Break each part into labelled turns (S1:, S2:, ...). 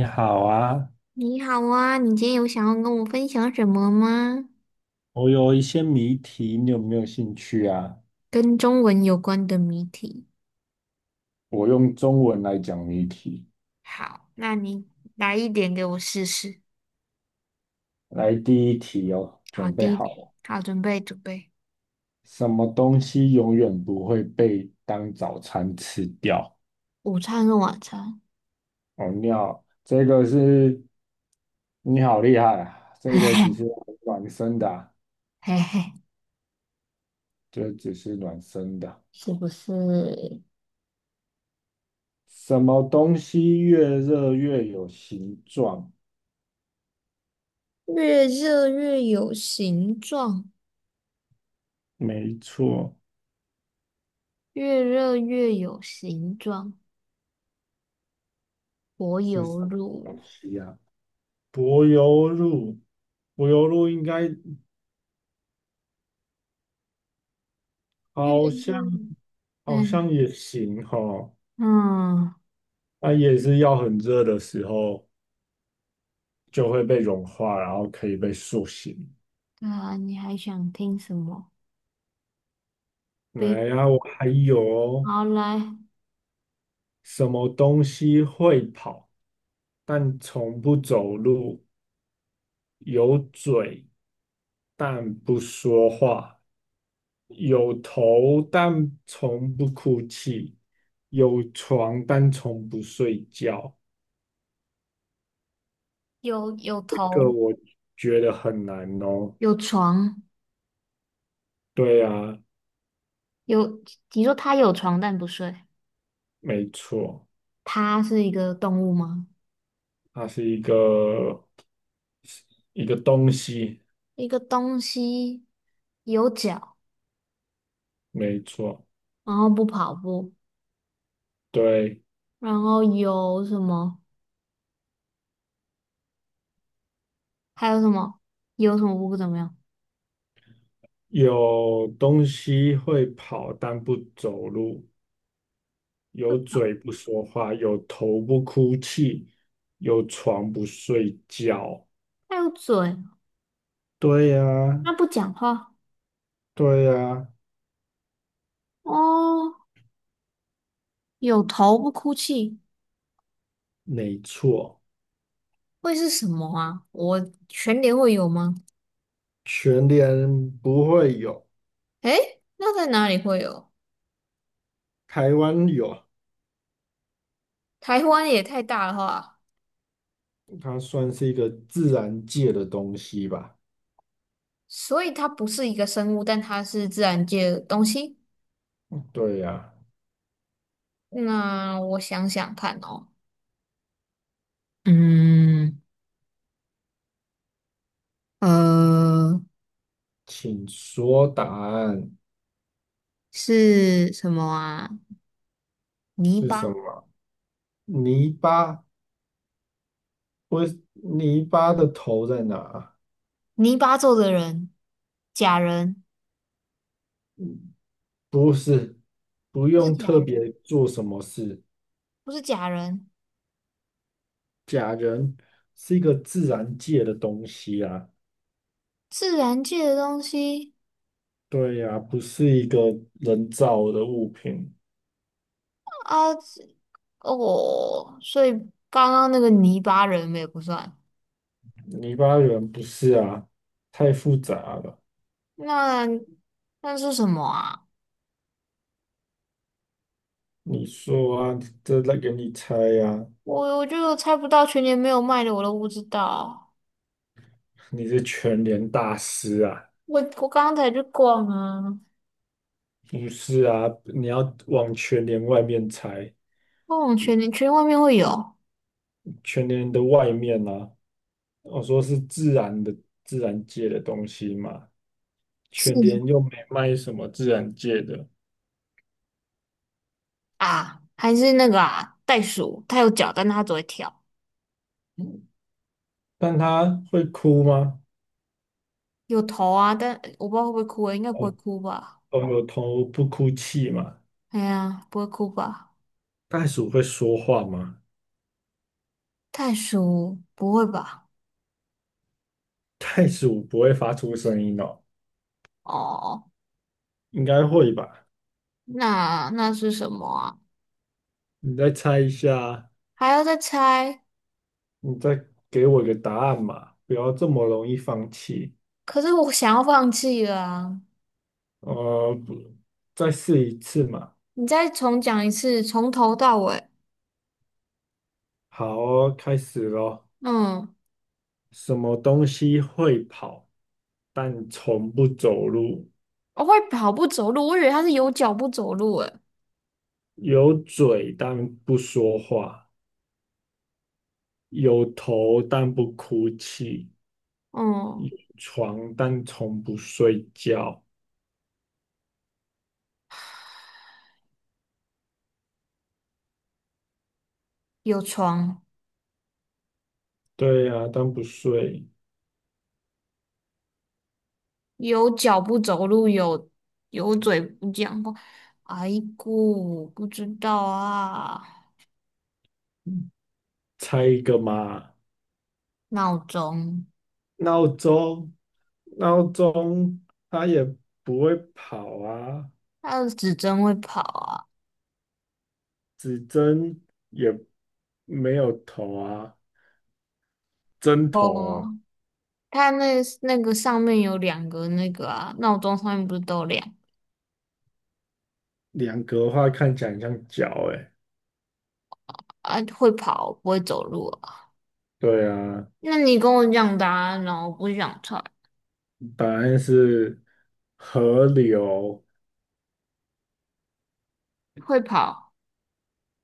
S1: 你好啊，
S2: 你好啊，你今天有想要跟我分享什么吗？
S1: 我有一些谜题，你有没有兴趣啊？
S2: 跟中文有关的谜题。
S1: 我用中文来讲谜题。
S2: 好，那你来一点给我试试。
S1: 来，第一题哦，
S2: 好，
S1: 准备
S2: 的，
S1: 好了。
S2: 好，准备准备。
S1: 什么东西永远不会被当早餐吃掉？
S2: 午餐跟晚餐，
S1: 哦，你好厉害啊！
S2: 嘿
S1: 这个只是
S2: 嘿
S1: 暖身的啊
S2: 嘿嘿，
S1: 这只是暖身的啊。
S2: 是不是
S1: 什么东西越热越有形状？
S2: 越热越有形状？
S1: 没错，
S2: 越热越有形状，柏
S1: 是
S2: 油
S1: 什么
S2: 路。
S1: 东西啊？柏油路，应该
S2: 越
S1: 好像
S2: 热，嗯
S1: 也行哈，
S2: 嗯，
S1: 它也是要很热的时候就会被融化，然后可以被塑形。
S2: 对啊，你还想听什么？冰，
S1: 来呀、我还有哦。
S2: 好来。
S1: 什么东西会跑，但从不走路，有嘴但不说话，有头但从不哭泣，有床但从不睡觉。
S2: 有有
S1: 这个
S2: 头，
S1: 我觉得很难哦。
S2: 有床，
S1: 对啊，
S2: 有，你说它有床但不睡，
S1: 没错，
S2: 它是一个动物吗？
S1: 它是一个东西，
S2: 一个东西有脚，
S1: 没错。
S2: 然后不跑步，
S1: 对，
S2: 然后有什么？还有什么？有什么不怎么样？
S1: 有东西会跑但不走路，有
S2: 他
S1: 嘴不说话，有头不哭泣，有床不睡觉。
S2: 有嘴，
S1: 对呀，
S2: 它不讲话。
S1: 对呀，
S2: 哦，有头不哭泣，
S1: 没错，
S2: 会是什么啊？我全年会有吗？
S1: 全年不会有，
S2: 诶，那在哪里会有？
S1: 台湾有。
S2: 台湾也太大了吧？
S1: 它算是一个自然界的东西吧？
S2: 所以它不是一个生物，但它是自然界的东西。
S1: 对呀、
S2: 那我想想看哦，嗯，呃，
S1: 请说答案
S2: 是什么啊？泥
S1: 是什
S2: 巴，
S1: 么？泥巴不是泥巴的头在哪？
S2: 泥巴做的人，假人，
S1: 不是，不
S2: 不是
S1: 用
S2: 假
S1: 特
S2: 人，
S1: 别做什么事。
S2: 不是假人，
S1: 假人是一个自然界的东西啊，
S2: 自然界的东西
S1: 对呀、不是一个人造的物品。
S2: 啊，这哦，所以刚刚那个泥巴人也不算。
S1: 泥巴人不是啊，太复杂了。
S2: 那那是什么啊？
S1: 你说啊，这来给你猜呀、啊
S2: 我就猜不到，全年没有卖的我都不知道。
S1: 你是全联大师啊。
S2: 我刚刚才去逛啊，
S1: 不是啊，你要往全联外面猜，
S2: 逛全年圈外面会有
S1: 全联的外面啊，我说是自然界的东西嘛，
S2: 是
S1: 全联又没卖什么自然界的，
S2: 啊，还是那个啊，袋鼠，它有脚，但它只会跳，
S1: 但它会哭吗？
S2: 有头啊，但我不知道会不会哭、欸，应该不
S1: 哦，
S2: 会哭吧？
S1: 哦，有头不哭泣嘛？
S2: 哎呀，不会哭吧？
S1: 袋鼠会说话吗？
S2: 袋鼠不会吧？
S1: 袋鼠不会发出声音哦，
S2: 哦，
S1: 应该会吧？
S2: 那是什么啊？
S1: 你再猜一下，
S2: 还要再猜？
S1: 你再给我一个答案嘛，不要这么容易放弃。
S2: 可是我想要放弃了啊！
S1: 不，再试一次嘛。
S2: 你再重讲一次，从头到尾。
S1: 好哦，开始咯。
S2: 嗯，
S1: 什么东西会跑，但从不走路？
S2: 我会跑步走路，我以为它是有脚不走路诶。
S1: 有嘴但不说话，有头但不哭泣，
S2: 嗯，
S1: 有床但从不睡觉。
S2: 有床。
S1: 对呀、啊，但不睡。
S2: 有脚不走路，有嘴不讲话。哎姑，不知道啊。
S1: 猜一个嘛，
S2: 闹钟，
S1: 闹钟，闹钟它也不会跑啊，
S2: 它的指针会跑啊。
S1: 指针也没有头啊，针头
S2: 哦，
S1: 哦。
S2: 它那个上面有两个那个啊，闹钟上面不是都有两个
S1: 两格的话看起来很像脚诶，
S2: 啊？会跑，不会走路啊。
S1: 对啊，
S2: 那你跟我讲答案哦，我不想猜。
S1: 答案是河流
S2: 会跑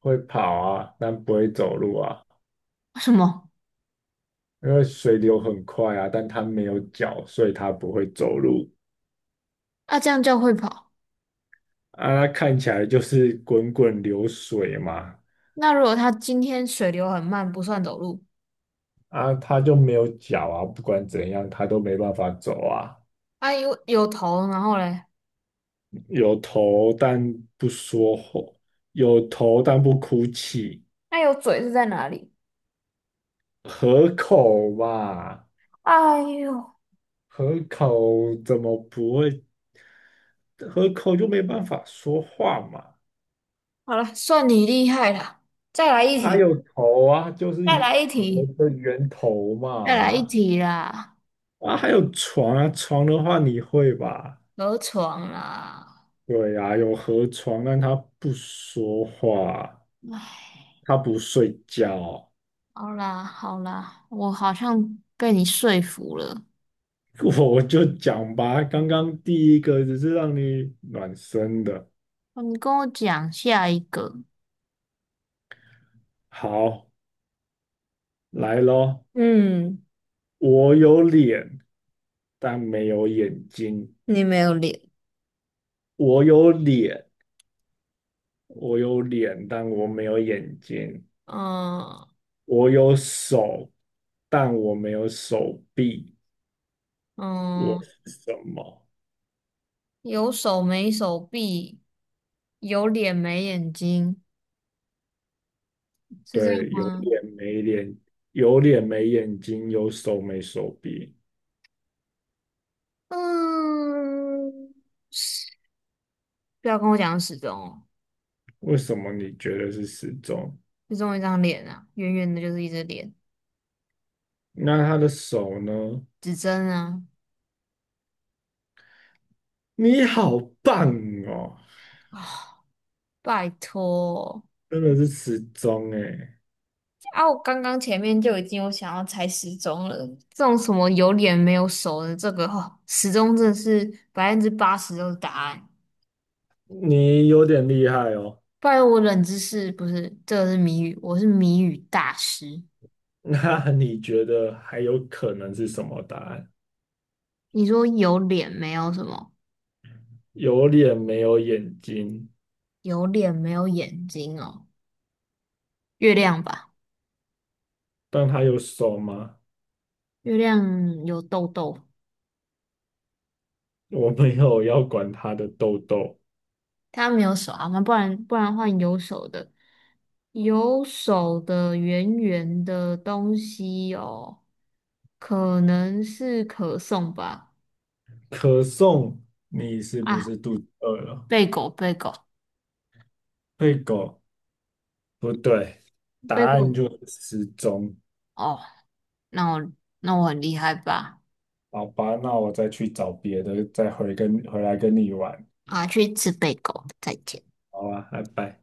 S1: 会跑啊，但不会走路啊，
S2: 什么？
S1: 因为水流很快啊，但它没有脚，所以它不会走路
S2: 啊，这样叫会跑？
S1: 啊，它看起来就是滚滚流水嘛，
S2: 那如果它今天水流很慢，不算走路。
S1: 它就没有脚啊，不管怎样它都没办法走啊，
S2: 啊，有头，然后嘞，
S1: 有头但不说话，有头但不哭泣，
S2: 那有嘴是在哪里？
S1: 河口嘛。
S2: 哎呦，
S1: 河口怎么不会？河口就没办法说话嘛。
S2: 好了，算你厉害了。再来一
S1: 啊，
S2: 题，
S1: 有头啊，就是
S2: 再
S1: 一
S2: 来一
S1: 河
S2: 题，
S1: 的源头
S2: 再来一
S1: 嘛。
S2: 题啦！
S1: 啊，还有床啊，床的话你会吧？
S2: 河床啦，
S1: 对呀、啊有河床，但他不说话，
S2: 哎，
S1: 他不睡觉。
S2: 好啦好啦，我好像被你说服了。
S1: 我就讲吧，刚刚第一个只是让你暖身的。
S2: 哦你跟我讲下一个，
S1: 好，来咯，
S2: 嗯，
S1: 我有脸，但没有眼睛。
S2: 你没有脸。
S1: 我有脸，我有脸，但我没有眼睛。
S2: 嗯
S1: 我有手，但我没有手臂。我
S2: 嗯，
S1: 是什么？
S2: 有手没手臂，有脸没眼睛，是这样
S1: 对，
S2: 吗？
S1: 有脸没眼睛，有手没手臂。
S2: 嗯，不要跟我讲时钟哦。
S1: 为什么你觉得是时钟？
S2: 就中一张脸啊，圆圆的，就是一只脸，
S1: 那他的手呢？
S2: 指针啊，
S1: 你好棒哦，
S2: 啊，拜托
S1: 真的是时钟诶，
S2: 啊！我刚刚前面就已经有想要猜时钟了，这种什么有脸没有手的，这个哦，时钟真的是80%都是答案。
S1: 你有点厉害哦。
S2: 不然我冷知识不是，这个是谜语，我是谜语大师。
S1: 那你觉得还有可能是什么答案？
S2: 你说有脸没有什么？
S1: 有脸没有眼睛，
S2: 有脸没有眼睛哦，月亮吧，
S1: 但它有手吗？
S2: 月亮有痘痘。
S1: 我没有要管它的痘痘。
S2: 他没有手啊，那不然换有手的，有手的圆圆的东西哦，可能是可颂吧？
S1: 可颂，你是不
S2: 啊，
S1: 是肚子饿了？
S2: 贝果贝果
S1: 对狗，不对，答
S2: 贝
S1: 案
S2: 果
S1: 就是时钟。
S2: 哦，那我那我很厉害吧？
S1: 好吧，那我再去找别的，再回跟回来跟你玩。
S2: 啊，去吃贝果，再见。
S1: 好吧，拜拜。